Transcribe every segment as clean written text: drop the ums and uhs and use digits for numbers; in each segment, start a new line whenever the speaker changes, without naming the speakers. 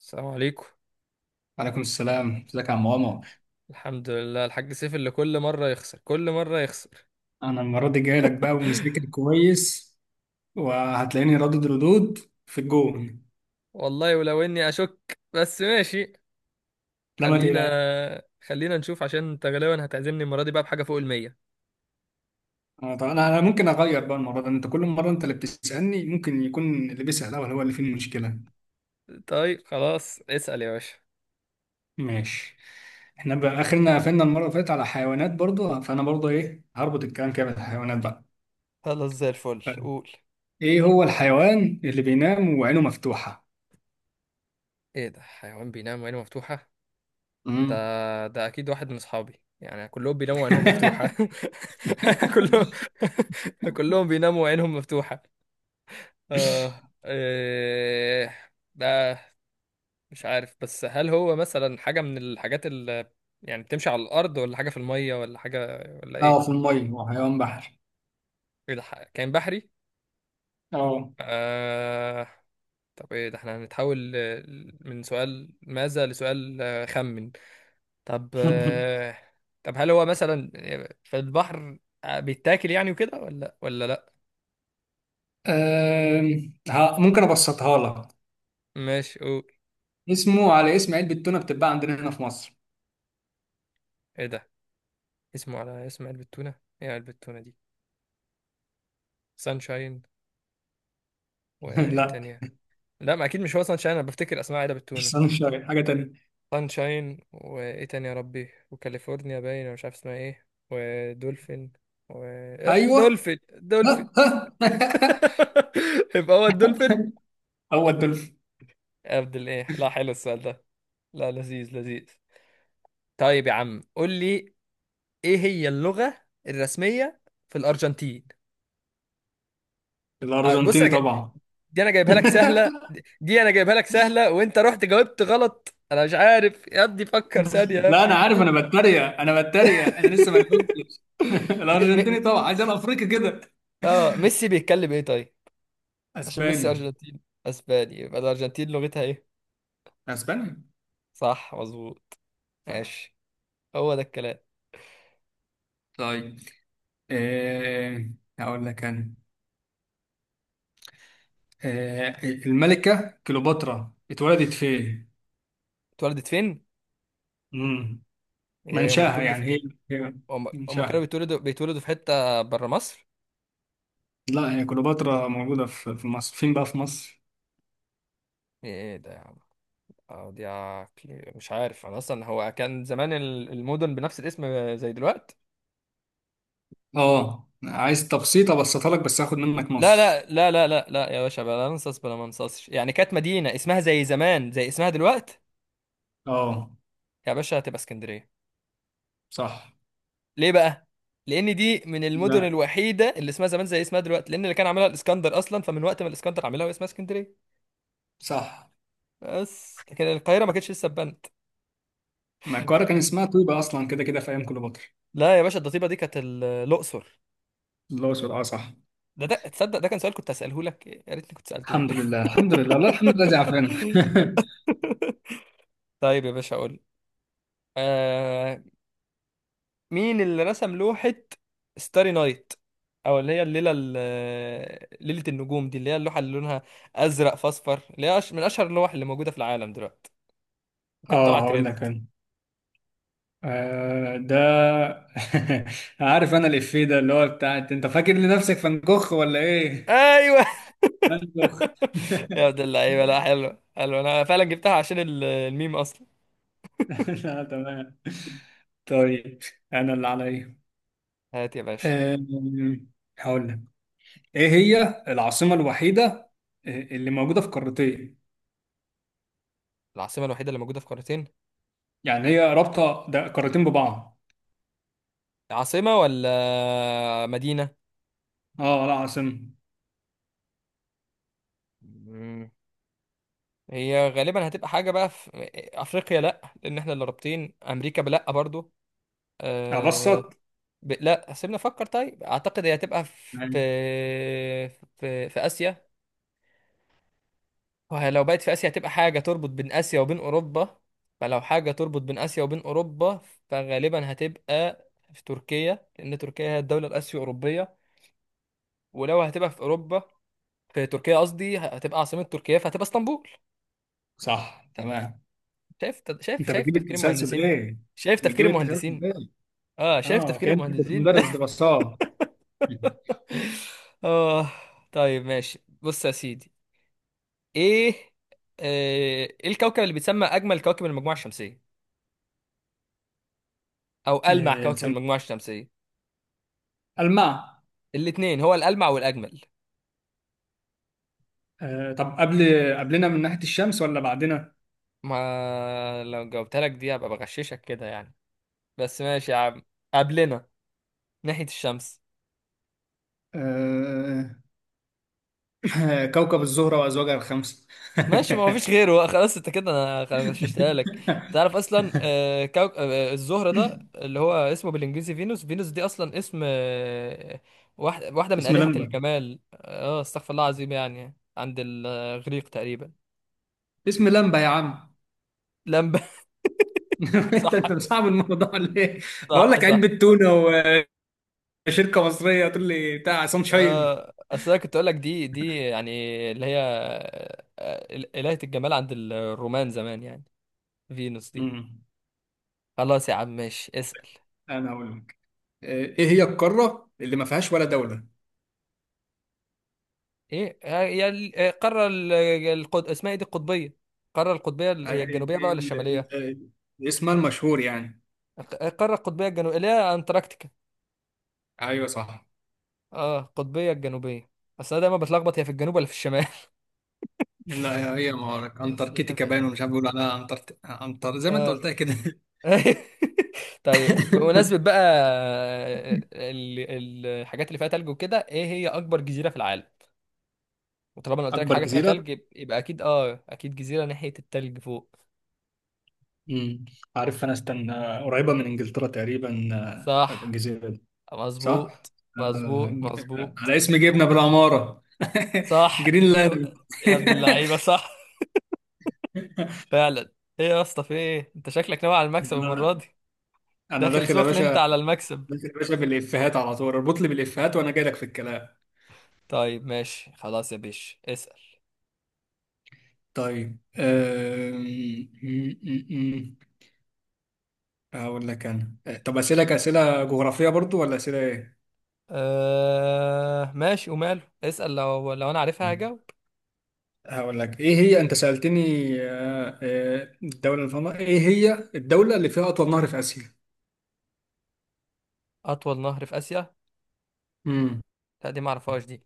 السلام عليكم.
وعليكم السلام، ازيك يا عم عمر؟
الحمد لله. الحاج سيف اللي كل مرة يخسر كل مرة يخسر.
انا المره دي جاي لك بقى ومذاكر كويس، وهتلاقيني ردود في الجون.
والله ولو اني اشك، بس ماشي.
لا ما
خلينا
تقلقش.
خلينا نشوف عشان انت غالبا هتعزمني المرة دي بقى بحاجة فوق المية.
انا طبعا، انا ممكن اغير بقى المره دي، انت كل مره انت اللي بتسالني، ممكن يكون اللي بيسال الاول هو اللي فيه المشكله.
طيب خلاص، اسأل يا باشا.
ماشي. احنا بقى اخرنا قفلنا المره اللي فاتت على حيوانات برضو، فانا برضو ايه هربط الكلام كده بالحيوانات بقى.
خلاص زي الفل، قول.
ايه هو الحيوان اللي بينام وعينه مفتوحه؟
ايه ده حيوان بينام وعينه مفتوحة؟ ده
امم
ده اكيد واحد من اصحابي، يعني كلهم بيناموا وعينهم مفتوحة كلهم. كلهم بيناموا وعينهم مفتوحة. اه، إيه ده؟ مش عارف، بس هل هو مثلا حاجة من الحاجات اللي يعني بتمشي على الأرض، ولا حاجة في المية، ولا حاجة، ولا
اه،
إيه؟
في الميه، هو حيوان بحري.
إيه ده، كائن بحري؟
اه.
آه. طب إيه ده، إحنا هنتحول من سؤال ماذا لسؤال خمن. طب طب هل هو مثلا في البحر، بيتاكل يعني وكده، ولا لأ؟
ممكن ابسطها لك.
ماشي قول.
اسمه على اسم علبة تونة بتتباع عندنا هنا في مصر.
إيه ده؟ اسمه على اسم علبة تونة؟ إيه علبة التونة دي؟ سانشاين، وإيه
لا،
التانية؟ لا، ما أكيد مش هو سانشاين، أنا بفتكر أسماء علبة
مش
التونة.
صالون شارع، حاجة تانية.
سانشاين، وايه تاني يا ربي، وكاليفورنيا باين أنا مش عارف اسمها ايه، ودولفين، و...
ايوه.
دولفين دولفين. يبقى هو الدولفين.
هو الدولفين.
عبد الايه، لا حلو السؤال ده، لا لذيذ لذيذ. طيب يا عم، قول لي ايه هي اللغة الرسمية في الأرجنتين. بص
الارجنتيني
انا جاي.
طبعا.
دي انا جايبها لك سهلة، دي انا جايبها لك سهلة، وانت رحت جاوبت غلط، انا مش عارف يا ابني، فكر ثانية يا
لا انا
ابني.
عارف، انا بتريق انا بتريق، انا لسه ما جاوبتش.
م... م... م-
الارجنتيني طبعا، عايز انا افريقي كده.
اه، ميسي بيتكلم ايه طيب؟ عشان ميسي
اسباني.
أرجنتين. أسباني، يبقى الأرجنتين لغتها إيه؟
اسباني.
صح، مظبوط، صح. ماشي، هو ده الكلام.
طيب. أه... هقول لك انا. الملكة كليوباترا اتولدت فين؟
اتولدت فين؟ يعني هما
منشاها
بيتولدوا في،
يعني هي.
هما كانوا
منشاها.
بيتولدوا في حتة برا مصر؟
لا، هي كليوباترا موجودة في مصر، فين بقى في مصر؟
إيه ده يا عم؟ اه دي عقلي، مش عارف أنا أصلا هو كان زمان المدن بنفس الاسم زي دلوقتي؟
اه، عايز تبسيط، ابسطها لك بس هاخد منك
لا
نص.
لا لا لا لا لا يا باشا، بلا ننصص، بلا ما ننصصش، يعني كانت مدينة اسمها زي زمان زي اسمها دلوقتي.
اه
يا باشا هتبقى اسكندرية.
صح.
ليه بقى؟ لان دي من المدن
لا
الوحيده اللي اسمها زمان زي اسمها دلوقتي، لان اللي كان عاملها الاسكندر اصلا، فمن وقت ما الاسكندر عاملها واسمها اسكندريه،
صح.
بس لكن القاهره ما كانتش لسه اتبنت.
ما القاهرة كان اسمها طيبة أصلا، كده كده في أيام كليوباترا.
لا يا باشا، الضطيبه دي كانت الاقصر.
الله أكبر، اه صح.
ده تصدق ده كان سؤال كنت هساله لك، يا ريتني كنت سالته
الحمد
لك.
لله، الحمد لله، لا الحمد لله زعفان.
طيب يا باشا، اقول آه مين اللي رسم لوحه ستاري نايت، او اللي هي الليله ليله النجوم دي، اللي هي اللوحه اللي لونها ازرق في اصفر، اللي هي من اشهر اللوح اللي موجوده في العالم دلوقتي، وكانت طالعه
اه، هقول لك
ترند.
انا. آه ده. عارف انا الإفيه ده اللي هو بتاع انت فاكر لنفسك فنكخ ولا ايه؟
ايوه.
فنكخ.
يا ابن اللعيبه، لا حلو حلو، انا فعلا جبتها عشان الميم اصلا.
لا تمام. طيب. انا اللي عليا.
هات يا باشا.
أم، هقول لك، ايه هي العاصمة الوحيدة، اللي موجودة في قارتين؟
العاصمه الوحيده اللي موجوده في قارتين.
يعني هي رابطة ده قارتين ببعض.
عاصمه ولا مدينه؟
اه لا، عاصمة.
مم. هي غالبا هتبقى حاجه بقى في افريقيا، لا لان احنا اللي رابطين امريكا بلا برضو.
ابسط
أه... لا سيبنا افكر، طيب اعتقد هي هتبقى في
يعني.
في في اسيا. وهي لو بقت في آسيا، هتبقى حاجة تربط بين آسيا وبين أوروبا. فلو حاجة تربط بين آسيا وبين أوروبا، فغالبا هتبقى في تركيا، لأن تركيا هي الدولة الآسيو أوروبية، ولو هتبقى في أوروبا، في تركيا قصدي، هتبقى عاصمة تركيا، فهتبقى اسطنبول.
صح تمام.
شايف، شايف،
انت
شايف
بتجيب
تفكير
التسلسل
المهندسين.
ايه؟
شايف تفكير
بتجيب التسلسل
المهندسين.
ايه؟
اه شايف
اه،
تفكير
كنت
المهندسين.
مدرس دراسات.
اه. طيب ماشي، بص يا سيدي. ايه آه، ايه الكوكب اللي بيتسمى اجمل كوكب المجموعة الشمسية، او ألمع كوكب
بتسمى
المجموعة الشمسية؟
الماء.
الاتنين، هو الألمع والأجمل.
طب قبل، قبلنا من ناحية الشمس ولا بعدنا؟
ما لو جاوبتها لك دي هبقى بغششك كده يعني، بس ماشي يا عم. قبلنا ناحية الشمس.
آه، كوكب الزهرة وأزواجها الخمسة.
ماشي، ما هو فيش غيره بقى، خلاص انت كده، انا غششتها لك. تعرف اصلا آه، كوك... آه، الزهرة ده اللي هو اسمه بالانجليزي فينوس دي اصلا اسم واحدة من
اسم
آلهة
لمبة.
الجمال، اه استغفر الله العظيم، يعني عند الإغريق تقريبا.
اسم لمبة يا عم.
لمبة.
انت
صح
انت مصعب الموضوع ليه؟ بقول
صح
لك
صح.
علبة تونة، وشركة مصرية تقول لي بتاع سانشاين.
اصل انا كنت اقول لك دي يعني، اللي هي إلهة الجمال عند الرومان زمان يعني، فينوس دي.
مم.
خلاص يا عم، ماشي اسأل.
انا هقول لك. ايه هي القارة اللي ما فيهاش ولا دولة؟
ايه آه، يا ال- آه، القارة اسمها ايه دي، القطبية؟ القارة القطبية
آه،
هي الجنوبية بقى ولا الشمالية؟
اسمها المشهور يعني.
القارة القطبية الجنوبية اللي هي انتاركتيكا.
ايوه صح.
اه القطبية الجنوبية. اصل انا دايما بتلخبط هي في الجنوب ولا في الشمال.
لا، هي ما أعرف.
أصل أنا-
انتاركتيكا باين، ومش عارف بيقولوا عليها انتر انتر زي ما انت
اه.
قلتها كده.
طيب بمناسبة بقى الحاجات اللي فيها تلج وكده، ايه هي اكبر جزيرة في العالم؟ وطالما انا قلت لك
اكبر
حاجة فيها
جزيرة.
تلج يبقى اكيد جزيرة ناحية التلج فوق.
امم عارف انا، استنى، قريبه من انجلترا تقريبا.
صح،
الجزيره دي. صح.
مظبوط
آه،
مظبوط
ج-
مظبوط.
على اسم جبنه بالعماره.
صح
جرينلاند.
يا عبد اللعيبة، صح فعلا. ايه يا اسطى، في ايه انت شكلك ناوي على المكسب المرة دي.
انا
داخل
داخل يا
سخن
باشا.
انت على المكسب.
داخل يا باشا بالافيهات على طول، اربط لي بالافيهات وانا جاي لك في الكلام.
طيب ماشي، خلاص يا بيش اسأل.
طيب. م- م- م. اقول لك انا. طب اسالك اسئله جغرافيه برضو ولا اسئله؟
ماشي، وماله، اسأل، لو انا عارفها
ايه.
هجاوب.
هقول لك، ايه هي، انت سألتني، الدولة اللي فيها نهر، ايه هي الدولة اللي فيها اطول نهر في اسيا؟
اطول نهر في اسيا؟
امم.
لا دي ما اعرفهاش دي.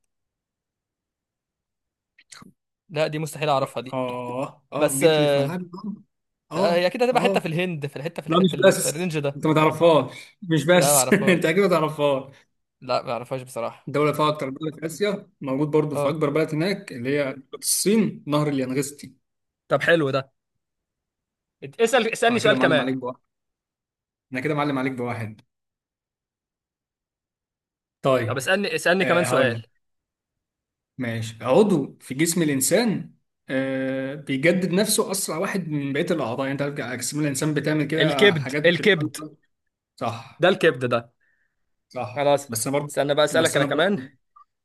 لا دي مستحيل اعرفها دي.
اه اه،
بس
جيت لي في ملعبي برضه.
هي
اه
اكيد هتبقى حته
اه.
في الهند، في الحته، في
لا
الح...
مش
في, ال... في
بس
الرينج ده.
انت ما تعرفهاش، مش
لا ما
بس
اعرفهاش.
انت اكيد ما تعرفهاش.
لا ما اعرفهاش بصراحه.
الدولة اللي فيها اكتر دولة في اسيا، موجود برضه في
اه
اكبر بلد هناك، اللي هي دولة الصين، نهر اليانغستي.
طب حلو ده. اسالني
انا كده
سؤال
معلم
كمان.
عليك بواحد. انا كده معلم عليك بواحد.
طب
طيب.
اسالني كمان
آه، هقول
سؤال.
لك. ماشي، عضو في جسم الإنسان آه بيجدد نفسه أسرع واحد من بقية الأعضاء، يعني أنت عارف جسم الإنسان بتعمل كده
الكبد
حاجات بتخلق.
الكبد.
صح.
ده الكبد ده.
صح
خلاص،
بس أنا برضه.
استنى بقى اسالك
بس
انا
أنا برضه.
كمان.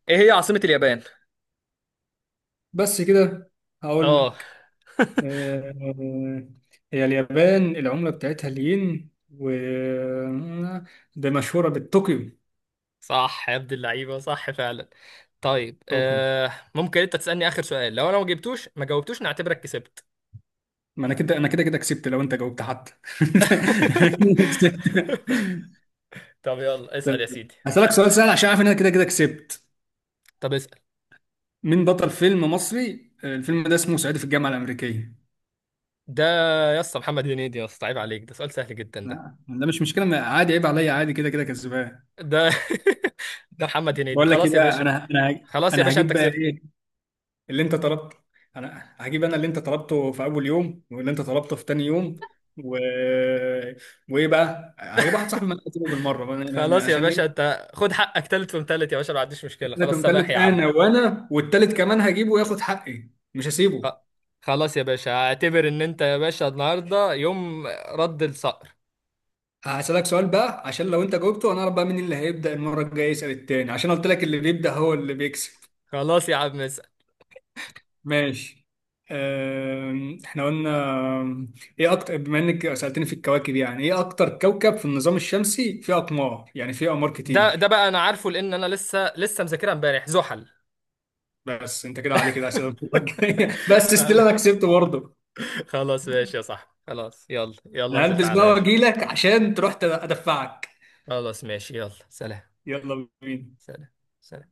ايه هي عاصمة اليابان؟
بس كده. هقول
اه.
لك. آه، هي اليابان العملة بتاعتها الين، و ده مشهورة بالطوكيو.
صح يا ابن اللعيبه، صح فعلا. طيب
طوكيو.
ممكن انت تسالني اخر سؤال، لو انا ما جاوبتوش نعتبرك كسبت.
ما أنا كده كده كسبت لو أنت جاوبت حتى. أنا كده كسبت.
طب يلا اسأل يا
طيب
سيدي.
هسألك سؤال سهل عشان عارف إن أنا كده كده كسبت.
طب اسأل.
مين بطل فيلم مصري، الفيلم ده اسمه صعيدي في الجامعه الامريكيه؟
ده يا اسطى محمد هنيدي يا اسطى، عيب عليك، ده سؤال سهل جدا ده.
لا ده مش مشكله، عادي، عيب عليا، عادي كده كده كسبان.
ده ده محمد هنيدي،
بقول لك ايه
خلاص يا
بقى،
باشا.
انا انا هج-
خلاص يا
انا
باشا
هجيب
انت
بقى
كسبت.
ايه اللي انت طلبته. انا هجيب اللي انت طلبته في اول يوم، واللي انت طلبته في تاني يوم، و... وايه بقى، هجيب واحد صاحبي من الكتاب بالمره،
خلاص يا
عشان
باشا،
ايه.
انت خد حقك تالت ومتالت يا باشا، ما عنديش مشكلة،
انا
خلاص
كنت
سماح
تالت،
يا عم.
انا والتالت كمان هجيبه وياخد حقي مش
خ-
هسيبه.
خلاص يا باشا، اعتبر ان انت يا باشا النهارده يوم رد الصقر.
هسألك سؤال بقى، عشان لو انت جاوبته انا اعرف بقى مين اللي هيبدأ المرة الجاية يسأل التاني، عشان قلت لك اللي بيبدأ هو اللي بيكسب.
خلاص يا عم، اسأل.
ماشي. احنا قلنا ايه اكتر، بما انك سألتني في الكواكب، يعني ايه اكتر كوكب في النظام الشمسي فيه اقمار، يعني فيه اقمار
ده
كتير؟
بقى انا عارفه، لان انا لسه مذاكرها امبارح، زحل.
بس انت كده عليك الأسئلة المرة الجاية. بس استيل انا كسبت برضه.
خلاص ماشي يا صاحبي، خلاص يلا يلا،
انا
انزل
هلبس
تعالى
بقى
يلا.
واجيلك عشان تروح تدفعك.
خلاص ماشي يلا، سلام.
يلا بينا.
سلام. سلام.